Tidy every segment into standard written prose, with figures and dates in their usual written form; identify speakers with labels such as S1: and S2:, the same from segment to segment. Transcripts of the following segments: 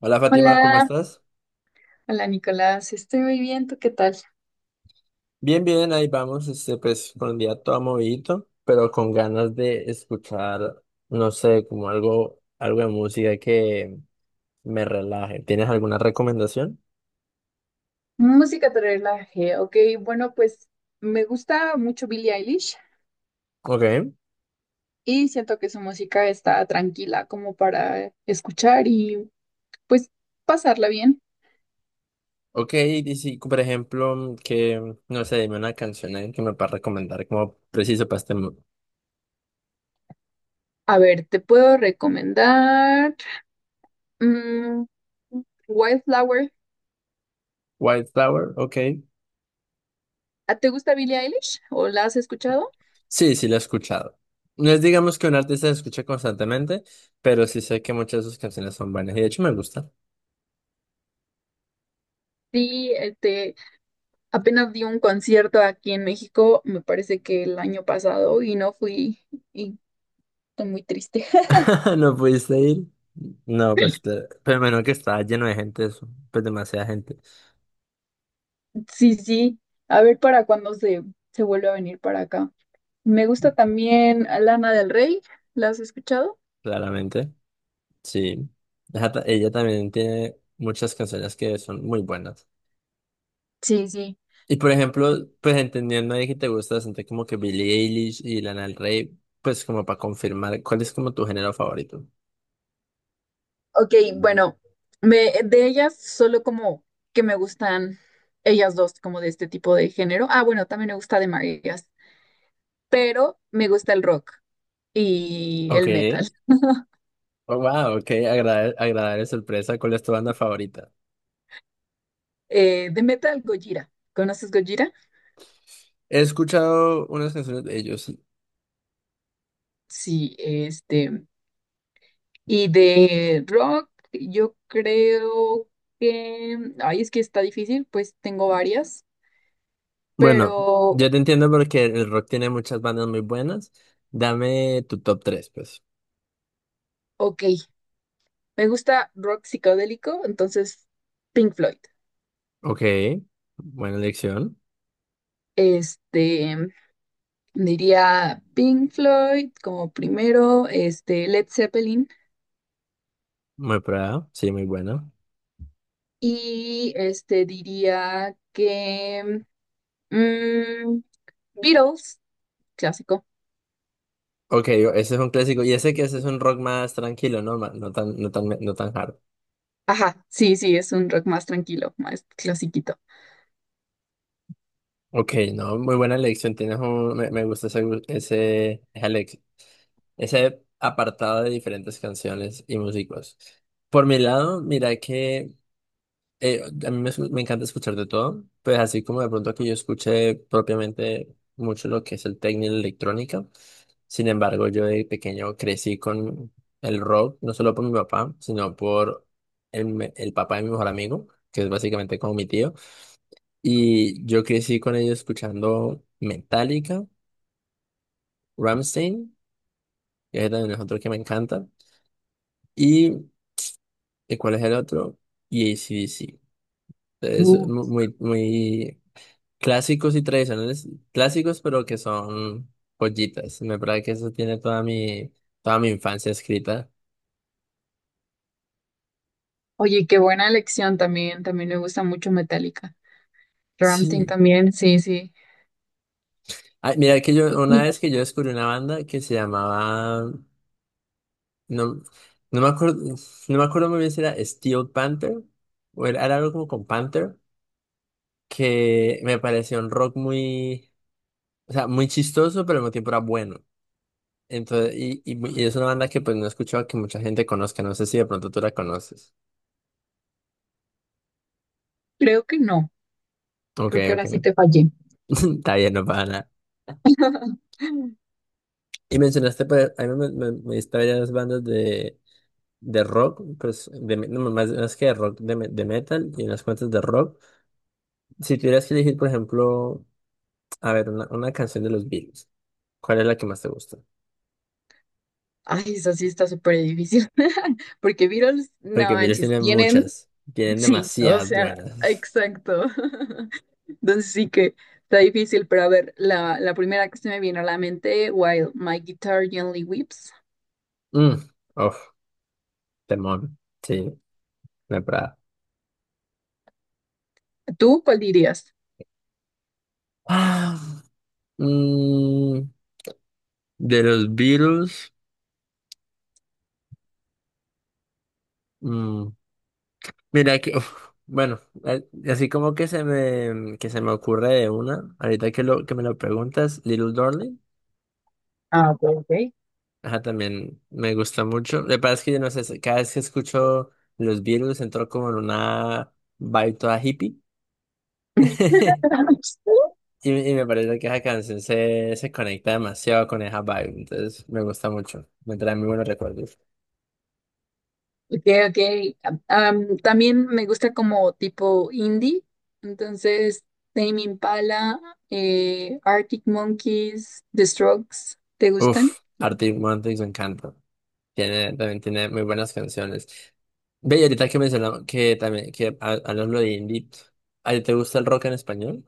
S1: Hola Fátima, ¿cómo
S2: Hola,
S1: estás?
S2: hola Nicolás, estoy muy bien, ¿tú qué tal?
S1: Bien, bien, ahí vamos, pues con el día todo movidito, pero con ganas de escuchar, no sé, como algo de música que me relaje. ¿Tienes alguna recomendación?
S2: Música te relaje, ok, bueno, pues me gusta mucho Billie Eilish
S1: Ok,
S2: y siento que su música está tranquila como para escuchar y pues pasarla bien.
S1: ok, y si, por ejemplo, que, no sé, dime una canción ahí que me puedas recomendar como preciso para este mood.
S2: A ver, te puedo recomendar mm, Wildflower.
S1: White Flower, ok.
S2: ¿Te gusta Billie Eilish o la has escuchado?
S1: Sí, sí, la he escuchado. No es digamos que un artista se escuche constantemente, pero sí sé que muchas de sus canciones son buenas y de hecho me gusta.
S2: Sí, apenas di un concierto aquí en México, me parece que el año pasado y no fui y estoy muy triste.
S1: No pudiste ir. No, pues, pero menos que estaba lleno de gente eso. Pues demasiada gente,
S2: Sí, sí, a ver para cuándo se vuelve a venir para acá. Me gusta también Lana del Rey, ¿la has escuchado?
S1: claramente. Sí. Ella también tiene muchas canciones que son muy buenas.
S2: Sí, sí.
S1: Y por ejemplo, pues entendiendo ahí que te gusta bastante como que Billie Eilish y Lana Del Rey, pues como para confirmar, ¿cuál es como tu género favorito?
S2: Ok, bueno, de ellas solo como que me gustan ellas dos, como de este tipo de género. Ah, bueno, también me gusta de Marías, pero me gusta el rock y
S1: Ok.
S2: el metal.
S1: Oh, wow, ok. Agradable, sorpresa. ¿Cuál es tu banda favorita?
S2: De metal, Gojira. ¿Conoces Gojira?
S1: He escuchado unas canciones de ellos.
S2: Sí, y de rock, yo creo ay, es que está difícil, pues tengo varias,
S1: Bueno,
S2: pero
S1: yo te entiendo porque el rock tiene muchas bandas muy buenas. Dame tu top 3, pues.
S2: ok, me gusta rock psicodélico, entonces Pink Floyd.
S1: Ok, buena elección.
S2: Este, diría Pink Floyd como primero, este, Led Zeppelin,
S1: Muy probado, sí, muy bueno.
S2: y este, diría que mm, Beatles, clásico.
S1: Ok, ese es un clásico. Y ese que ese es un rock más tranquilo, ¿no? No tan, no tan, no tan hard.
S2: Ajá, sí, sí, es un rock más tranquilo, más clasiquito.
S1: Ok, no, muy buena elección. Me gusta ese, gu- ese, esa elec- ese apartado de diferentes canciones y músicos. Por mi lado, mira que a mí me encanta escuchar de todo, pues así como de pronto que yo escuché propiamente mucho lo que es el techno y la electrónica. Sin embargo, yo de pequeño crecí con el rock, no solo por mi papá, sino por el papá de mi mejor amigo, que es básicamente como mi tío. Y yo crecí con ellos escuchando Metallica, Rammstein, que es también es otro que me encanta. ¿Y ¿y cuál es el otro? Y ac Entonces, muy, muy clásicos y tradicionales, clásicos pero que son joyitas. Me parece que eso tiene toda mi infancia escrita.
S2: Oye, qué buena elección también, también me gusta mucho Metallica. Rammstein
S1: Sí.
S2: también, sí, sí.
S1: Ay, mira que yo,
S2: Y,
S1: una
S2: y
S1: vez que yo descubrí una banda que se llamaba, no, no me acuerdo, no me acuerdo muy bien si era Steel Panther o era algo como con Panther, que me pareció un rock muy, o sea, muy chistoso, pero al mismo tiempo era bueno. Entonces, y es una banda que pues no he escuchado que mucha gente conozca. No sé si de pronto tú la conoces.
S2: creo que no,
S1: Ok,
S2: creo que
S1: ok.
S2: ahora sí te fallé.
S1: Está bien, no pasa nada. Y mencionaste, pues, a mí me diste varias bandas de rock, pues, no, más que de rock, de metal y unas cuantas de rock. Si tuvieras que elegir, por ejemplo, a ver, una canción de los Beatles, ¿cuál es la que más te gusta?
S2: Ay, eso sí está súper difícil, porque Beatles, no
S1: Porque Beatles
S2: manches,
S1: tienen
S2: tienen,
S1: muchas, tienen
S2: sí, o
S1: demasiadas
S2: sea,
S1: buenas.
S2: exacto. Entonces sí que está difícil, pero a ver, la primera que se me vino a la mente, While My Guitar Gently Weeps.
S1: Mm, uf, temón, sí, me parada.
S2: ¿Tú cuál dirías?
S1: Ah, mm, de los Beatles. mm, Mira que, uf, bueno, así como que se me ocurre de una, ahorita que me lo preguntas, Little Darling,
S2: Ah, ok, ok.
S1: ajá, también me gusta mucho. Lo que pasa es que yo no sé, cada vez que escucho los Beatles entro como en una vibe toda hippie. Y me parece que esa canción se, se conecta demasiado con esa vibe, entonces me gusta mucho, me trae muy buenos recuerdos.
S2: Okay, okay. También me gusta como tipo indie, entonces Tame Impala, Arctic Monkeys, The Strokes, ¿te gustan?
S1: Uf, Arctic Monkeys me encanta. Tiene, también tiene muy buenas canciones. Ve, y ahorita que mencionamos que también, hablando de indie, ¿a ti te gusta el rock en español?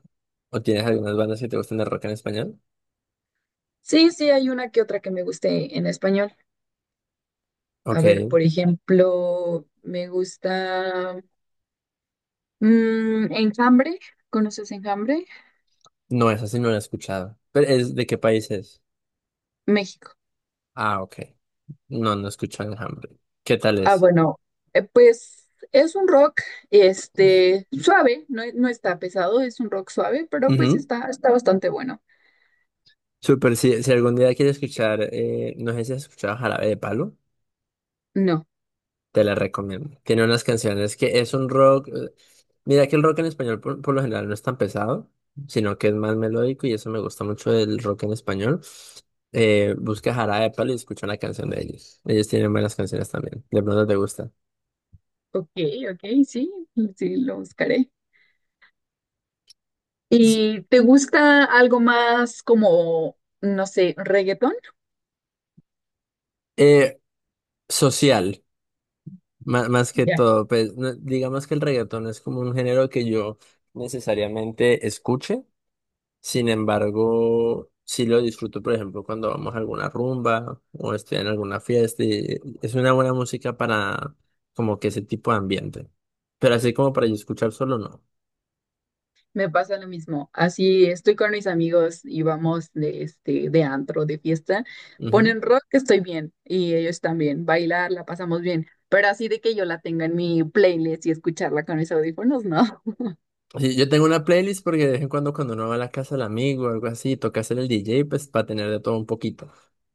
S1: ¿O tienes algunas bandas que te gustan el rock en español?
S2: Sí, sí, hay una que otra que me guste en español. A
S1: Ok,
S2: ver, por ejemplo, me gusta Enjambre. ¿Conoces Enjambre?
S1: no, esa sí no la he escuchado. ¿Pero es de qué país es?
S2: México.
S1: Ah, ok. No, no he escuchado Enjambre. ¿Qué tal
S2: Ah,
S1: es?
S2: bueno, pues es un rock, este, suave, no, no está pesado, es un rock suave, pero pues
S1: Ujú.
S2: está, está bastante bueno.
S1: Súper, si algún día quieres escuchar, no sé si has escuchado Jarabe de Palo.
S2: No,
S1: Te la recomiendo. Tiene unas canciones que es un rock. Mira que el rock en español por lo general no es tan pesado, sino que es más melódico y eso me gusta mucho del rock en español. Busca Jarabe de Palo y escucha una canción de ellos. Ellos tienen buenas canciones también. De pronto te gusta.
S2: ok, ok, sí, sí, lo buscaré. ¿Y te gusta algo más como, no sé, reggaetón?
S1: Eh, Social, más, que
S2: Ya,
S1: todo. Pues, digamos que el reggaetón es como un género que yo necesariamente escuche. Sin embargo, sí lo disfruto, por ejemplo, cuando vamos a alguna rumba o estoy en alguna fiesta y es una buena música para como que ese tipo de ambiente. Pero así como para yo escuchar solo, no.
S2: me pasa lo mismo. Así estoy con mis amigos y vamos de, este, de antro, de fiesta.
S1: Ujú.
S2: Ponen rock, estoy bien, y ellos también. Bailar, la pasamos bien. Pero así de que yo la tenga en mi playlist y escucharla con mis audífonos, no.
S1: Sí, yo tengo una playlist porque de vez en cuando uno va a la casa del amigo o algo así, toca ser el DJ, pues para tener de todo un poquito.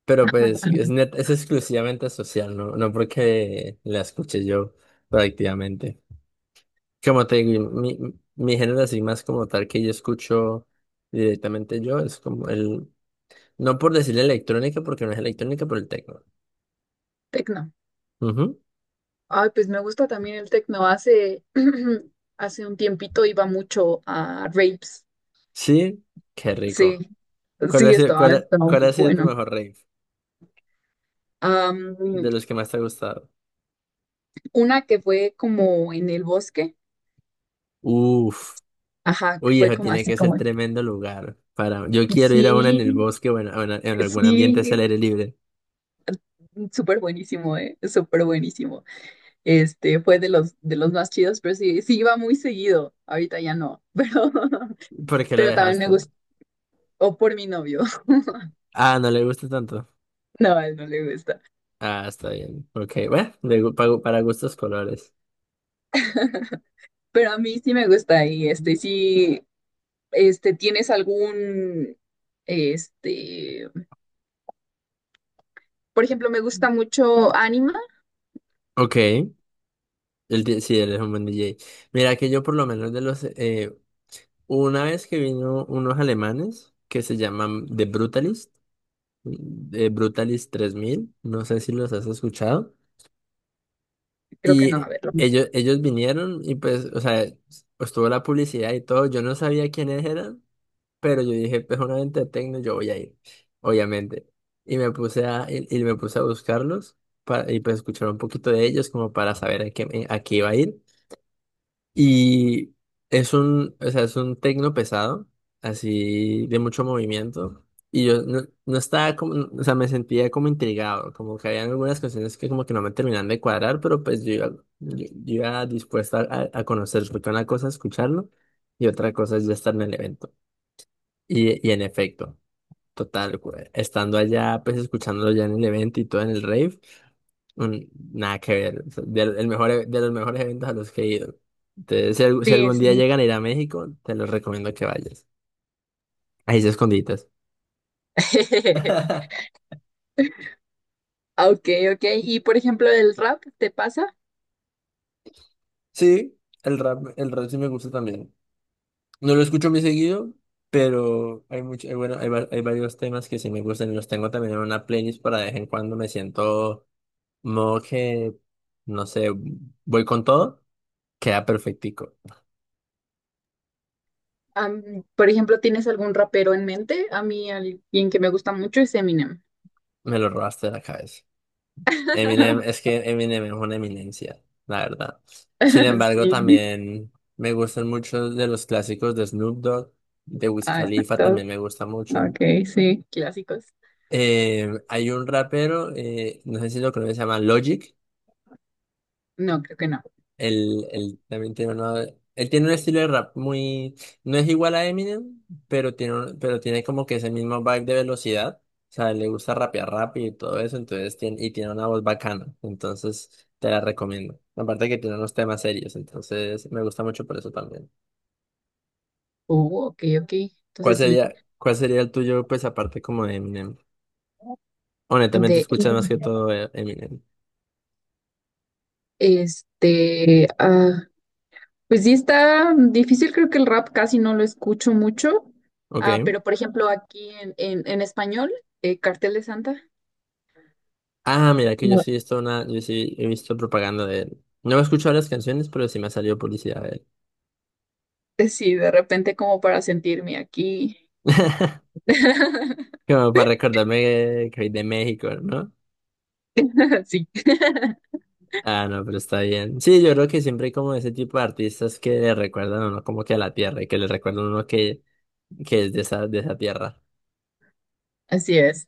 S1: Pero pues es exclusivamente social, ¿no? No porque la escuche yo prácticamente. Como te digo, mi género así más como tal que yo escucho directamente yo es como el, no por decirle electrónica porque no es electrónica, pero el techno.
S2: Tecno.
S1: Ujú.
S2: Ay, pues me gusta también el tecno. Hace, hace un tiempito iba mucho a raves.
S1: Sí, qué
S2: Sí,
S1: rico. ¿Cuál
S2: sí,
S1: ha sido,
S2: estaba,
S1: cuál, ha-
S2: estaba
S1: cuál
S2: muy
S1: ha sido tu
S2: bueno.
S1: mejor rave? De
S2: Am,
S1: los que más te ha gustado.
S2: una que fue como en el bosque,
S1: Uf,
S2: ajá, que
S1: uy,
S2: fue
S1: eso
S2: como
S1: tiene
S2: así
S1: que ser
S2: como,
S1: tremendo lugar para, yo quiero ir a una en el
S2: sí,
S1: bosque o en, o en algún ambiente hacia el
S2: sí,
S1: aire libre.
S2: súper buenísimo, súper buenísimo. Este, fue de de los más chidos, pero sí, sí iba muy seguido, ahorita ya no,
S1: ¿Por qué lo
S2: pero también me
S1: dejaste?
S2: gustó, o por mi novio,
S1: Ah, no le gusta tanto.
S2: no, a él no le gusta,
S1: Ah, está bien. Ok, bueno, para gustos colores.
S2: pero a mí sí me gusta y este, sí, este, ¿tienes algún, este... Por ejemplo, me gusta mucho Anima.
S1: Ok, sí, él es un buen DJ. Mira que yo por lo menos una vez que vino unos alemanes que se llaman The Brutalist, 3000, no sé si los has escuchado,
S2: Creo que no,
S1: y
S2: a ver. Lo-
S1: ellos vinieron y pues, o sea, estuvo la publicidad y todo, yo no sabía quiénes eran, pero yo dije, pues una venta de techno, yo voy a ir, obviamente. Y me puse a buscarlos y pues escuchar un poquito de ellos como para saber a qué iba a ir. Y es un, o sea, es un tecno pesado, así de mucho movimiento. Y yo no, no estaba como, no, o sea, me sentía como intrigado, como que habían algunas canciones que como que no me terminaban de cuadrar, pero pues yo iba dispuesta a conocer, porque una cosa es escucharlo y otra cosa es ya estar en el evento. Y en efecto. Total, estando allá, pues escuchándolo ya en el evento y todo en el rave, nada que ver. O sea, el mejor, de los mejores eventos a los que he ido. Entonces, si
S2: Sí,
S1: algún día
S2: sí.
S1: llegan a ir a México, te los recomiendo que vayas. Ahí se esconditas.
S2: Ok, ok. Y por ejemplo, el rap, ¿te pasa?
S1: Sí, el rap sí me gusta también. No lo escucho muy seguido, pero bueno, hay varios temas que sí me gustan y los tengo también en una playlist para de vez en cuando me siento modo que, no sé, voy con todo, queda perfectico.
S2: Por ejemplo, ¿tienes algún rapero en mente? A mí, alguien que me gusta mucho es Eminem.
S1: Me lo robaste de la cabeza. Eminem, es que Eminem es una eminencia, la verdad. Sin embargo,
S2: Sí.
S1: también me gustan mucho de los clásicos de Snoop Dogg, de Wiz
S2: Ah,
S1: Khalifa también
S2: exacto.
S1: me gusta mucho.
S2: Ok, sí. Clásicos.
S1: Hay un rapero, no sé si lo conoces, se llama Logic.
S2: No, creo que no.
S1: Él también tiene una- él tiene un estilo de rap muy, no es igual a Eminem, pero tiene como que ese mismo vibe de velocidad. O sea, le gusta rapear rápido y todo eso, entonces y tiene una voz bacana. Entonces, te la recomiendo. Aparte que tiene unos temas serios, entonces me gusta mucho por eso también.
S2: Oh, ok, ok.
S1: ¿Cuál
S2: Entonces sí.
S1: sería, cuál sería el tuyo, pues aparte como de Eminem?
S2: De
S1: Honestamente, escuchas más que todo Eminem.
S2: este. Pues sí está difícil, creo que el rap casi no lo escucho mucho,
S1: Ok.
S2: pero por ejemplo aquí en español, Cartel de Santa,
S1: Ah, mira, que yo
S2: no.
S1: sí he visto una, yo sí he visto propaganda de él. No he escuchado las canciones, pero sí me ha salido publicidad de él.
S2: Sí, de repente como para sentirme aquí.
S1: Como para recordarme que soy de México, ¿no?
S2: Sí,
S1: Ah, no, pero está bien. Sí, yo creo que siempre hay como ese tipo de artistas que le recuerdan a uno como que a la tierra y que le recuerdan a uno que es de esa tierra.
S2: así es.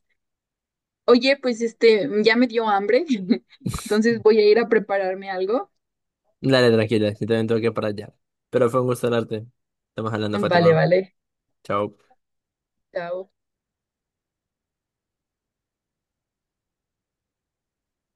S2: Oye, pues este, ya me dio hambre, entonces voy a ir a prepararme algo.
S1: Dale, tranquila, yo también tengo que ir para allá. Pero fue un gusto hablarte. Estamos hablando,
S2: Vale,
S1: Fátima.
S2: vale.
S1: Chao.
S2: Chao.